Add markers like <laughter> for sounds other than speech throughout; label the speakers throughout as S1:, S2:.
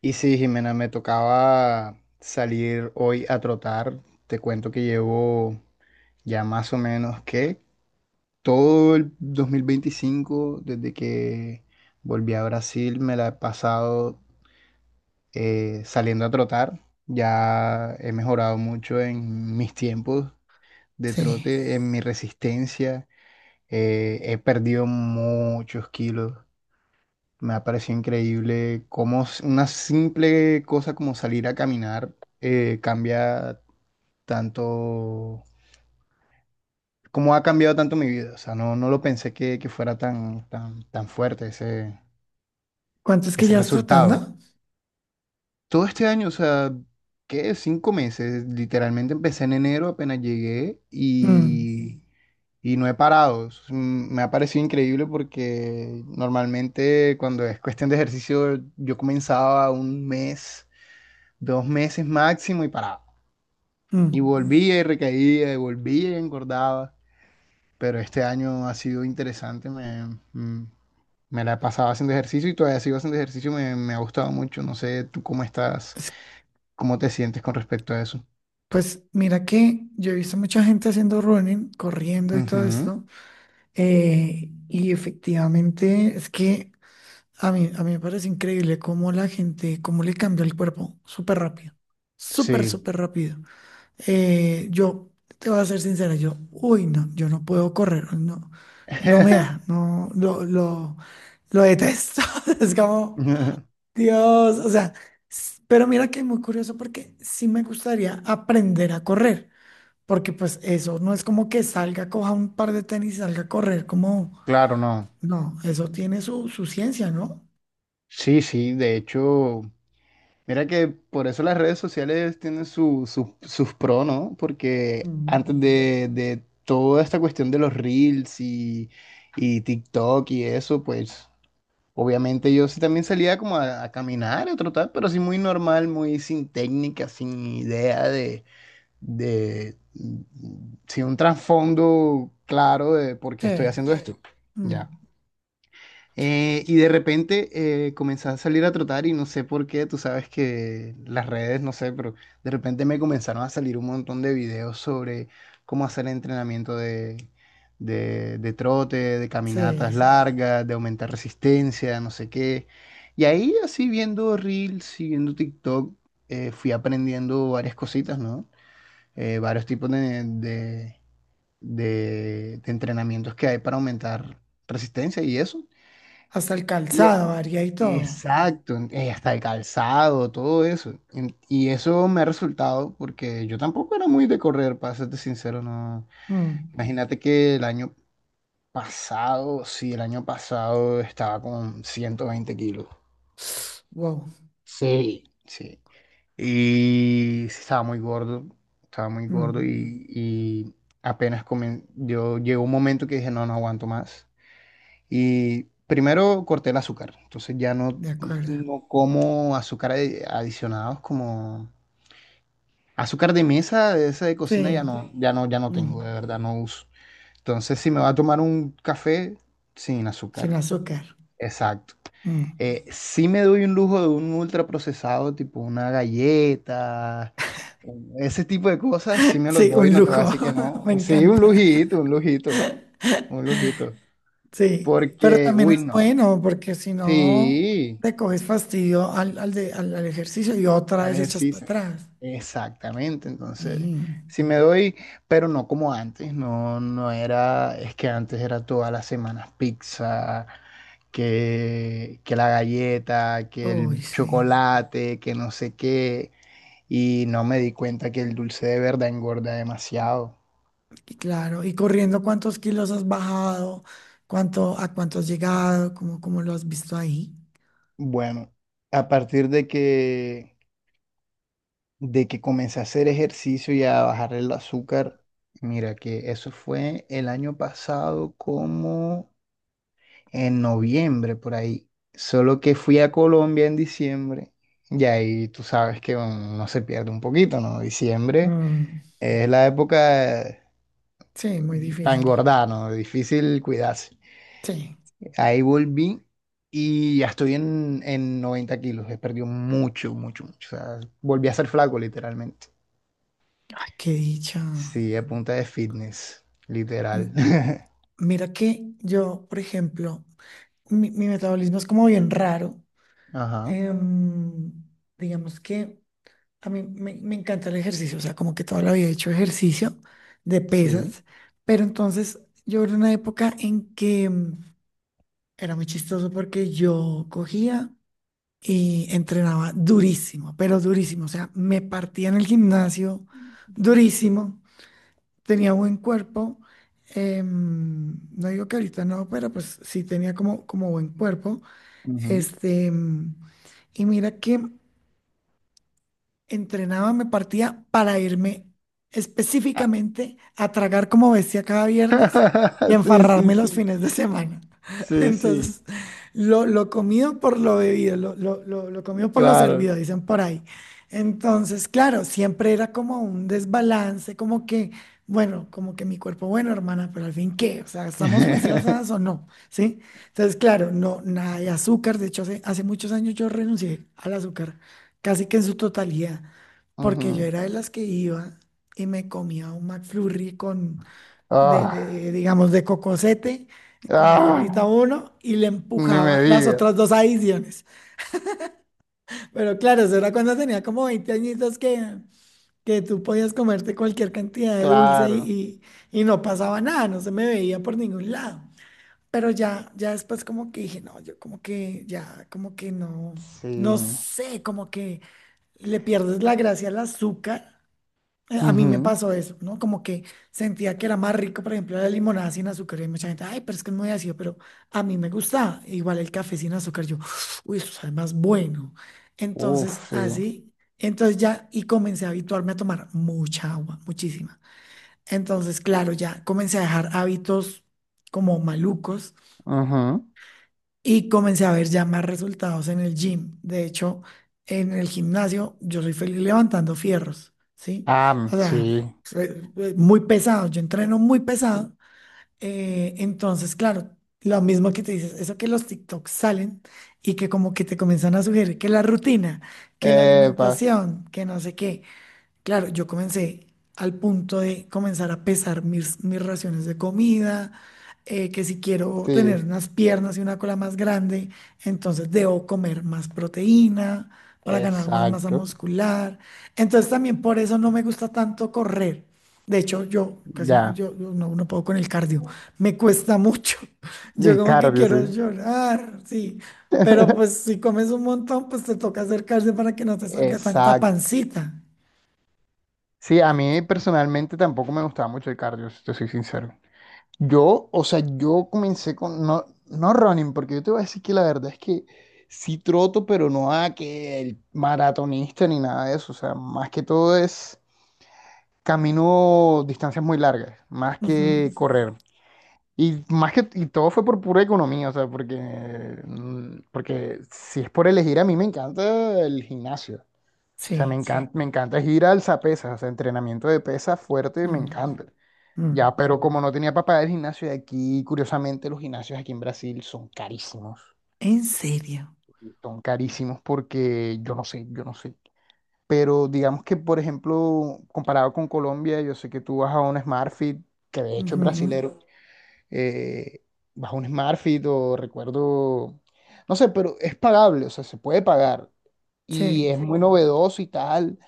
S1: Y sí, Jimena, me tocaba salir hoy a trotar. Te cuento que llevo ya más o menos que todo el 2025, desde que volví a Brasil, me la he pasado saliendo a trotar. Ya he mejorado mucho en mis tiempos de
S2: Sí.
S1: trote, en mi resistencia. He perdido muchos kilos. Me ha parecido increíble cómo una simple cosa como salir a caminar cambia tanto, cómo ha cambiado tanto mi vida. O sea, no, no lo pensé que fuera tan, tan, tan fuerte ese,
S2: ¿Cuántos que
S1: ese
S2: llevas trotando?
S1: resultado. Todo este año, o sea, ¿qué? 5 meses. Literalmente empecé en enero, apenas llegué
S2: Mm,
S1: y no he parado. Me ha parecido increíble porque normalmente cuando es cuestión de ejercicio yo comenzaba un mes, 2 meses máximo y paraba.
S2: mm.
S1: Y volvía y recaía, y volvía y engordaba. Pero este año ha sido interesante, mm, me la he pasado haciendo ejercicio y todavía sigo haciendo ejercicio, me ha gustado mucho. No sé tú cómo estás,
S2: Es-
S1: cómo te sientes con respecto a eso.
S2: Pues mira que yo he visto mucha gente haciendo running, corriendo y todo
S1: Ujú.
S2: esto. Y efectivamente es que a mí me parece increíble cómo la gente, cómo le cambia el cuerpo súper rápido. Súper,
S1: Sí.
S2: súper rápido. Yo te voy a ser sincera, yo, uy, no, yo no puedo correr, no, no me da,
S1: <laughs>
S2: no, lo detesto. <laughs> Es como Dios. O sea, pero mira que es muy curioso porque sí me gustaría aprender a correr, porque pues eso no es como que salga, coja un par de tenis y salga a correr, como,
S1: Claro, no.
S2: no, eso tiene su ciencia, ¿no?
S1: Sí, sí, de hecho, mira que por eso las redes sociales tienen sus pros, ¿no? Porque
S2: Mm.
S1: antes de toda esta cuestión de los reels y TikTok y eso, pues obviamente yo sí también salía como a caminar, a trotar, pero sí muy normal, muy sin técnica, sin idea sin un trasfondo claro de por qué
S2: Sí.
S1: estoy haciendo, sí, esto.
S2: Mm,
S1: Ya. Y de repente comencé a salir a trotar y no sé por qué, tú sabes que las redes, no sé, pero de repente me comenzaron a salir un montón de videos sobre cómo hacer entrenamiento de trote, de
S2: sí,
S1: caminatas largas, de aumentar resistencia, no sé qué. Y ahí así viendo Reels y viendo TikTok, fui aprendiendo varias cositas, ¿no? Varios tipos de entrenamientos que hay para aumentar resistencia y eso.
S2: hasta el
S1: Y, e-
S2: calzado varía y todo.
S1: exacto, hasta el calzado, todo eso. Y eso me ha resultado porque yo tampoco era muy de correr, para serte sincero, no.
S2: Mm.
S1: Imagínate que el año pasado, sí, el año pasado estaba con 120 kilos.
S2: <sniffs> Wow.
S1: Sí. Sí. Y sí, estaba muy gordo
S2: Mm,
S1: y yo llegó un momento que dije, no, no aguanto más. Y primero corté el azúcar, entonces ya no,
S2: de acuerdo.
S1: no como azúcar adicionados como azúcar de mesa, de esa de cocina
S2: Sí,
S1: ya no, ya no, ya no
S2: mm,
S1: tengo, de verdad no uso. Entonces si me va a tomar un café sin
S2: sin
S1: azúcar,
S2: azúcar.
S1: exacto.
S2: Mm.
S1: Sí me doy un lujo de un ultra procesado tipo una galleta, ese tipo de cosas, sí
S2: <laughs>
S1: me los
S2: Sí,
S1: doy,
S2: un
S1: no te voy a
S2: lujo.
S1: decir que
S2: <laughs>
S1: no.
S2: Me
S1: Sí, un
S2: encanta.
S1: lujito, un lujito, un lujito.
S2: Sí, pero
S1: Porque,
S2: también
S1: uy,
S2: es
S1: no.
S2: bueno porque si no
S1: Sí.
S2: le coges fastidio al ejercicio y otra
S1: Al
S2: vez echas para
S1: ejercicio.
S2: atrás.
S1: Exactamente, entonces,
S2: Sí,
S1: si me doy, pero no como antes, no, no era, es que antes era todas las semanas pizza, que la galleta, que
S2: uy,
S1: el
S2: sí,
S1: chocolate, que no sé qué, y no me di cuenta que el dulce de verdad engorda demasiado.
S2: y claro. Y corriendo, ¿cuántos kilos has bajado? ¿A cuánto has llegado? ¿Cómo lo has visto ahí?
S1: Bueno, a partir de que comencé a hacer ejercicio y a bajar el azúcar, mira que eso fue el año pasado como en noviembre por ahí. Solo que fui a Colombia en diciembre y ahí tú sabes que uno se pierde un poquito, ¿no? Diciembre
S2: Mm,
S1: es la época
S2: sí, muy
S1: para
S2: difícil.
S1: engordar, ¿no? Difícil cuidarse.
S2: Sí,
S1: Ahí volví y ya estoy en 90 kilos. He perdido mucho, mucho, mucho. O sea, volví a ser flaco literalmente.
S2: ay, qué dicha.
S1: Sí, a punta de fitness, literal.
S2: M-
S1: <laughs>
S2: Mira que yo, por ejemplo, mi metabolismo es como bien raro.
S1: Ajá,
S2: Em, digamos que. A mí me encanta el ejercicio, o sea, como que toda la vida he hecho ejercicio de
S1: sí.
S2: pesas, pero entonces yo era una época en que era muy chistoso porque yo cogía y entrenaba durísimo, pero durísimo, o sea, me partía en el gimnasio durísimo, tenía buen cuerpo, no digo que ahorita no, pero pues sí tenía como buen cuerpo,
S1: Ujú.
S2: este, y mira que entrenaba, me partía para irme específicamente a tragar como bestia cada viernes y a
S1: <laughs> Sí, sí,
S2: enfarrarme los
S1: sí.
S2: fines de semana. <laughs>
S1: Sí, sí.
S2: Entonces, lo comido por lo bebido, lo comido por lo
S1: Claro.
S2: servido, dicen por ahí. Entonces, claro, siempre era como un desbalance, como que, bueno, como que mi cuerpo, bueno, hermana, pero al fin, ¿qué? O sea, ¿estamos juiciosas o
S1: <laughs>
S2: no? ¿Sí? Entonces, claro, no, nada de azúcar. De hecho, hace muchos años yo renuncié al azúcar, casi que en su totalidad, porque yo
S1: Ujú.
S2: era de las que iba y me comía un McFlurry con de,
S1: Ah,
S2: de, digamos, de cocosete, como hay
S1: ah,
S2: ahorita uno, y le
S1: ni me
S2: empujaba las
S1: diga.
S2: otras dos adiciones. Pero claro, eso era cuando tenía como 20 añitos que tú podías comerte cualquier cantidad de dulce
S1: Claro.
S2: y no pasaba nada, no se me veía por ningún lado. Pero ya, ya después como que dije, no, yo como que ya, como que no,
S1: Sí.
S2: no sé, como que le pierdes la gracia al azúcar. A mí me
S1: Ujú.
S2: pasó eso, ¿no? Como que sentía que era más rico, por ejemplo, la limonada sin azúcar. Y mucha gente, ay, pero es que es muy ácido, pero a mí me gusta. Igual el café sin azúcar, yo, <sniffs> uy, eso sabe más bueno. Entonces,
S1: Uf, sí.
S2: así, entonces ya, y comencé a habituarme a tomar mucha agua, muchísima. Entonces, claro, ya comencé a dejar hábitos como malucos
S1: Ujú.
S2: y comencé a ver ya más resultados en el gym. De hecho, en el gimnasio yo soy feliz levantando fierros, ¿sí?
S1: Ah,
S2: O
S1: sí.
S2: sea, soy muy pesado, yo entreno muy pesado. Entonces, claro, lo mismo que te dices, eso que los TikToks salen y que como que te comienzan a sugerir que la rutina, que la
S1: Epa,
S2: alimentación, que no sé qué. Claro, yo comencé al punto de comenzar a pesar mis, raciones de comida, que si quiero
S1: sí.
S2: tener unas piernas y una cola más grande, entonces debo comer más proteína para ganar más masa
S1: Exacto.
S2: muscular. Entonces también por eso no me gusta tanto correr. De hecho, yo casi
S1: Ya.
S2: yo no puedo con el cardio. Me cuesta mucho. <laughs> Yo
S1: Y
S2: como que
S1: cardio,
S2: quiero
S1: sí.
S2: llorar, sí. Pero pues
S1: <laughs>
S2: si comes un montón, pues te toca hacer cardio para que no te salga tanta
S1: Exacto.
S2: pancita.
S1: Sí, a mí personalmente tampoco me gustaba mucho el cardio, si te soy sincero. O sea, yo comencé con, no, no running, porque yo te voy a decir que la verdad es que sí troto, pero no a que el maratonista ni nada de eso. O sea, más que todo es camino distancias muy largas, más
S2: Ujú.
S1: que correr. Y todo fue por pura economía, o sea, porque si es por elegir, a mí me encanta el gimnasio. O sea, me
S2: Sí.
S1: sí encanta, me encanta es ir al pesas, o sea, entrenamiento de pesas fuerte, me
S2: Mm,
S1: encanta.
S2: mm.
S1: Ya, pero como no tenía para pagar el gimnasio de aquí, curiosamente los gimnasios aquí en Brasil son carísimos.
S2: ¿En serio?
S1: Son carísimos porque yo no sé, yo no sé. Pero digamos que, por ejemplo, comparado con Colombia, yo sé que tú vas a un SmartFit, que de hecho
S2: Ujú,
S1: es
S2: mm.
S1: brasilero, eh, vas a un SmartFit o recuerdo, no sé, pero es pagable, o sea, se puede pagar. Y es
S2: Sí.
S1: muy novedoso y tal.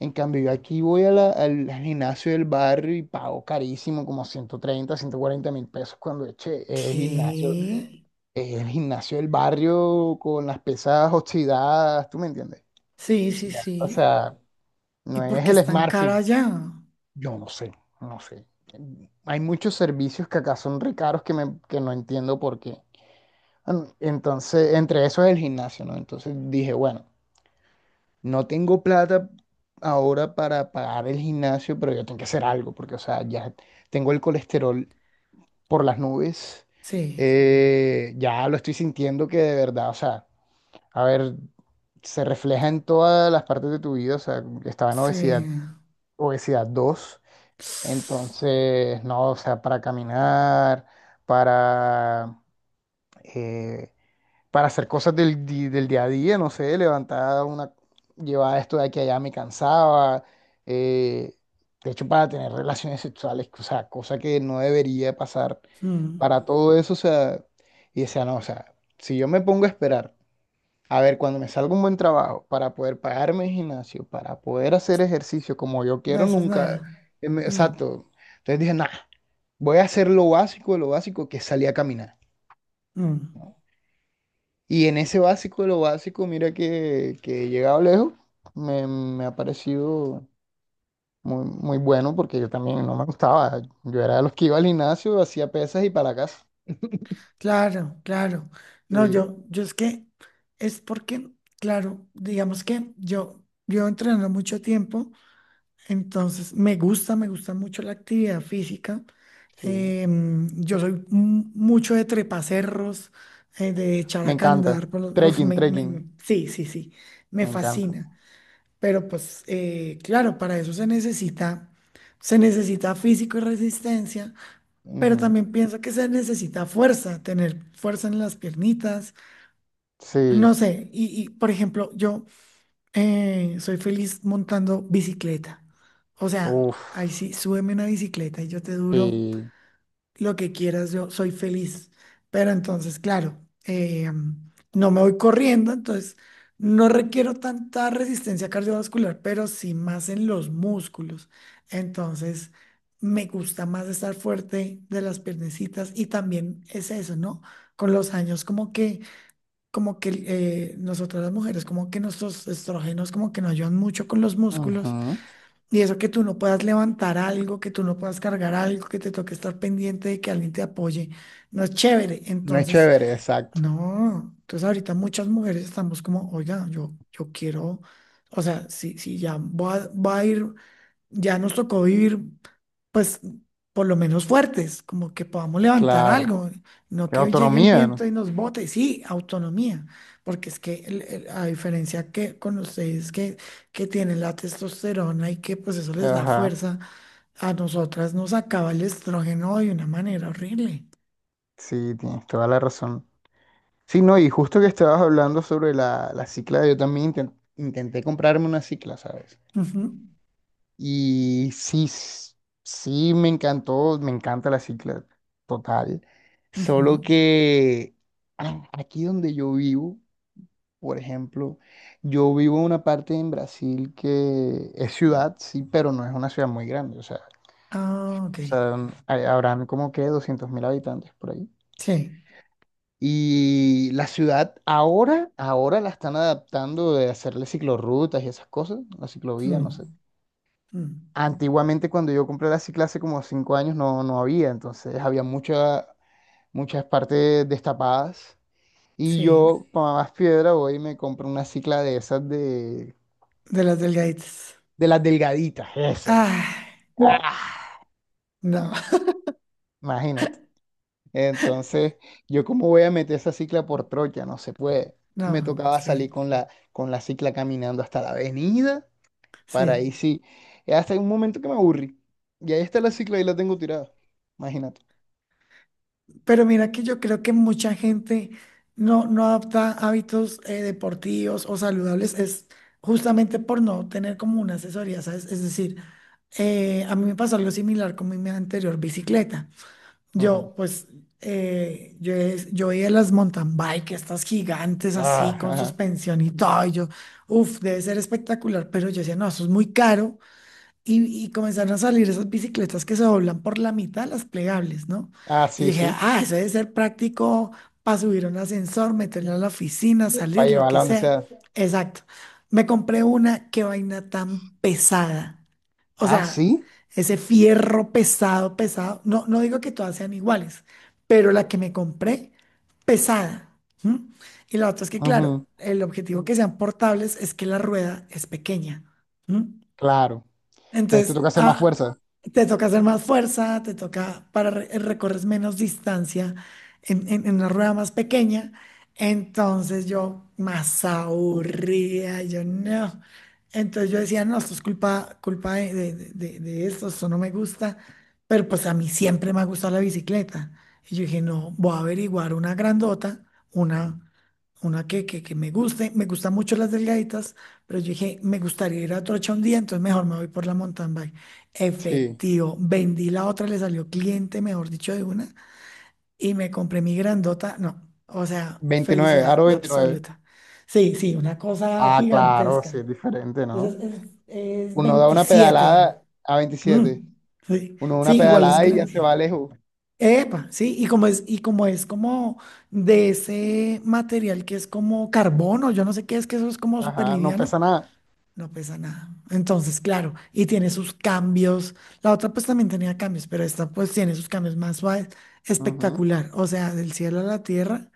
S1: En cambio, yo aquí voy a al gimnasio del barrio y pago carísimo, como 130, 140 mil pesos cuando eche
S2: ¿Qué?
S1: el gimnasio del barrio con las pesas oxidadas, ¿tú me entiendes?
S2: Sí, sí,
S1: Ya. O
S2: sí.
S1: sea,
S2: ¿Y
S1: no
S2: por
S1: es
S2: qué es
S1: el
S2: tan
S1: SmartFit.
S2: cara allá?
S1: Yo no sé, no sé. Hay muchos servicios que acá son re caros que no entiendo por qué. Entonces, entre eso es el gimnasio, ¿no? Entonces dije, bueno, no tengo plata ahora para pagar el gimnasio, pero yo tengo que hacer algo, porque, o sea, ya tengo el colesterol por las nubes.
S2: Sí,
S1: Ya lo estoy sintiendo que de verdad, o sea, a ver, se refleja en todas las partes de tu vida, o sea, estaba en
S2: sí.
S1: obesidad, obesidad 2, entonces, no, o sea, para caminar, para... eh, para hacer cosas del día a día, no sé, llevar esto de aquí a allá me cansaba, eh, de hecho para tener relaciones sexuales, o sea, cosa que no debería pasar para
S2: Mm.
S1: todo eso, o sea, y decía, no, o sea, si yo me pongo a esperar, a ver, cuando me salga un buen trabajo para poder pagarme el gimnasio, para poder hacer ejercicio como yo
S2: No
S1: quiero,
S2: haces
S1: nunca,
S2: nada. Mm,
S1: exacto, entonces dije, nada, voy a hacer lo básico de lo básico, que es salir a caminar.
S2: mm.
S1: Y en ese básico de lo básico, mira que he llegado lejos, me ha parecido muy, muy bueno porque yo también no me gustaba. Yo era de los que iba al gimnasio, hacía pesas y para la casa.
S2: Claro, claro. No,
S1: Sí,
S2: yo es que es porque, claro, digamos que yo llevo entrenando mucho tiempo. Entonces, me gusta mucho la actividad física.
S1: sí.
S2: Yo soy mucho de trepacerros, de echar
S1: Me
S2: a
S1: encanta.
S2: andar por uf,
S1: Trekking, trekking.
S2: sí, sí, sí, me
S1: Me encanta.
S2: fascina. Pero pues, claro, para eso se necesita, físico y resistencia, pero
S1: Ujú.
S2: también pienso que se necesita fuerza, tener fuerza en las piernitas. No
S1: Sí.
S2: sé, y por ejemplo, yo soy feliz montando bicicleta. O sea,
S1: Uf.
S2: ahí sí, súbeme una bicicleta y yo te duro
S1: Sí.
S2: lo que quieras, yo soy feliz. Pero entonces, claro, eh, no me voy corriendo, entonces no requiero tanta resistencia cardiovascular, pero sí más en los músculos. Entonces, me gusta más estar fuerte de las piernecitas y también es eso, ¿no? Con los años, como que nosotras las mujeres, como que nuestros estrógenos como que nos ayudan mucho con los músculos
S1: Ujú.
S2: y eso que tú no puedas levantar algo, que tú no puedas cargar algo, que te toque estar pendiente de que alguien te apoye, no es chévere.
S1: No es
S2: Entonces,
S1: chévere, exacto.
S2: no, entonces ahorita muchas mujeres estamos como, oiga, yo, quiero, o sea, si ya voy a ir ya nos tocó vivir, pues, por lo menos fuertes, como que podamos levantar
S1: Claro.
S2: algo, no
S1: Qué
S2: que llegue el
S1: autonomía,
S2: viento y
S1: ¿no?
S2: nos bote, sí, autonomía, porque es que a diferencia que con ustedes que tienen la testosterona y que pues eso les da
S1: Ajá.
S2: fuerza, a nosotras nos acaba el estrógeno de una manera horrible.
S1: Sí, tienes toda la razón. Sí, no, y justo que estabas hablando sobre la cicla, yo también intenté comprarme una cicla, ¿sabes?
S2: Ujú,
S1: Y sí, sí, me encantó, me encanta la cicla, total. Solo
S2: ujú.
S1: que aquí donde yo vivo, por ejemplo, yo vivo en una parte en Brasil que es ciudad, sí, pero no es una ciudad muy grande, o sea,
S2: Ah, ok.
S1: o sea, habrán como que 200.000 habitantes por ahí.
S2: Sí.
S1: Y la ciudad ahora, ahora la están adaptando de hacerle ciclorrutas y esas cosas, la ciclovía, no sé.
S2: Mm, mm.
S1: Antiguamente cuando yo compré la cicla hace como 5 años no, no había, entonces había muchas partes destapadas. Y
S2: Sí,
S1: yo, para más piedra, voy y me compro una cicla de esas de,
S2: de las delgaditas.
S1: de las delgaditas, esas.
S2: Ah,
S1: ¡Ah!
S2: no, <laughs>
S1: Imagínate. Entonces, yo cómo voy a meter esa cicla por trocha, no se puede. Me
S2: no,
S1: tocaba
S2: sí.
S1: salir con la cicla caminando hasta la avenida. Para ahí
S2: Sí,
S1: sí. Hasta un momento que me aburrí. Y ahí está la cicla y la tengo tirada. Imagínate.
S2: pero mira que yo creo que mucha gente no adopta hábitos deportivos o saludables, es justamente por no tener como una asesoría, ¿sabes? Es decir, a mí me pasó algo similar con mi anterior bicicleta.
S1: Ajá.
S2: Yo, pues, yo veía las mountain bike, estas gigantes así,
S1: Ah,
S2: con
S1: ajá.
S2: suspensión y todo, y yo, uff, debe ser espectacular, pero yo decía, no, eso es muy caro. Y comenzaron a salir esas bicicletas que se doblan por la mitad, las plegables, ¿no?
S1: Ah,
S2: Y yo
S1: sí,
S2: dije,
S1: sí.
S2: ah, eso debe ser práctico para subir un ascensor, meterlo a la oficina,
S1: Para
S2: salir, lo que
S1: llevarla donde
S2: sea.
S1: sea.
S2: Exacto. Me compré una, qué vaina tan pesada. O
S1: Ah,
S2: sea,
S1: sí.
S2: ese fierro pesado, pesado. No, no digo que todas sean iguales, pero la que me compré, pesada. ¿M? Y la otra es que,
S1: Ajá.
S2: claro, el objetivo que sean portables es que la rueda es pequeña. ¿M?
S1: Claro. Entonces te
S2: Entonces,
S1: toca hacer más
S2: ah,
S1: fuerza.
S2: te toca hacer más fuerza, te toca para recorres menos distancia en, en una rueda más pequeña. Entonces yo más aburrida, yo no. Entonces yo decía, no, esto es culpa, culpa de, de esto, esto no me gusta. Pero pues a mí siempre me ha gustado la bicicleta. Y yo dije, no, voy a averiguar una grandota, una, una que me guste. Me gustan mucho las delgaditas, pero yo dije, me gustaría ir a Trocha un día, entonces mejor me voy por la mountain bike.
S1: Sí.
S2: Efectivo, vendí la otra, le salió cliente, mejor dicho, de una, y me compré mi grandota. No, o sea,
S1: 29.
S2: felicidad
S1: Aro 29.
S2: absoluta. Sí, sí, una cosa
S1: Ah, claro, sí,
S2: gigantesca.
S1: es diferente,
S2: Esa es,
S1: ¿no?
S2: es
S1: Uno da una
S2: 27.
S1: pedalada a 27.
S2: Mm, sí,
S1: Uno da una
S2: sí, igual es
S1: pedalada y ya se
S2: grande.
S1: va lejos.
S2: Epa, sí, y como es como de ese material que es como carbono, yo no sé qué es, que eso es como súper
S1: Ajá, no
S2: liviano.
S1: pesa nada.
S2: No pesa nada. Entonces, claro, y tiene sus cambios. La otra pues también tenía cambios, pero esta pues tiene sus cambios más suaves.
S1: Ujú.
S2: Espectacular. O sea, del cielo a la tierra,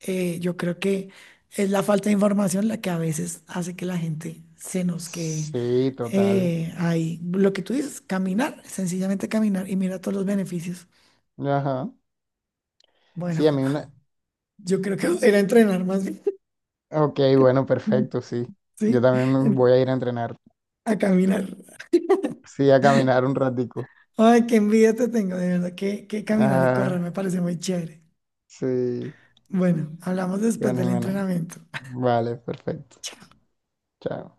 S2: yo creo que es la falta de información la que a veces hace que la gente se nos quede
S1: Sí, total.
S2: ahí. Lo que tú dices, caminar, sencillamente caminar y mira todos los beneficios.
S1: Ajá.
S2: Bueno,
S1: Sí, a mí una,
S2: <laughs> yo creo que voy a ir a entrenar más bien.
S1: ok, bueno,
S2: <laughs>
S1: perfecto, sí. Yo
S2: Sí,
S1: también me voy a ir a entrenar.
S2: a caminar.
S1: Sí, a caminar un ratico.
S2: Ay, qué envidia te tengo, de verdad que caminar y correr
S1: Ah,
S2: me parece muy chévere.
S1: sí,
S2: Bueno, hablamos después
S1: ganas,
S2: del
S1: ganas.
S2: entrenamiento.
S1: Vale, perfecto. Chao.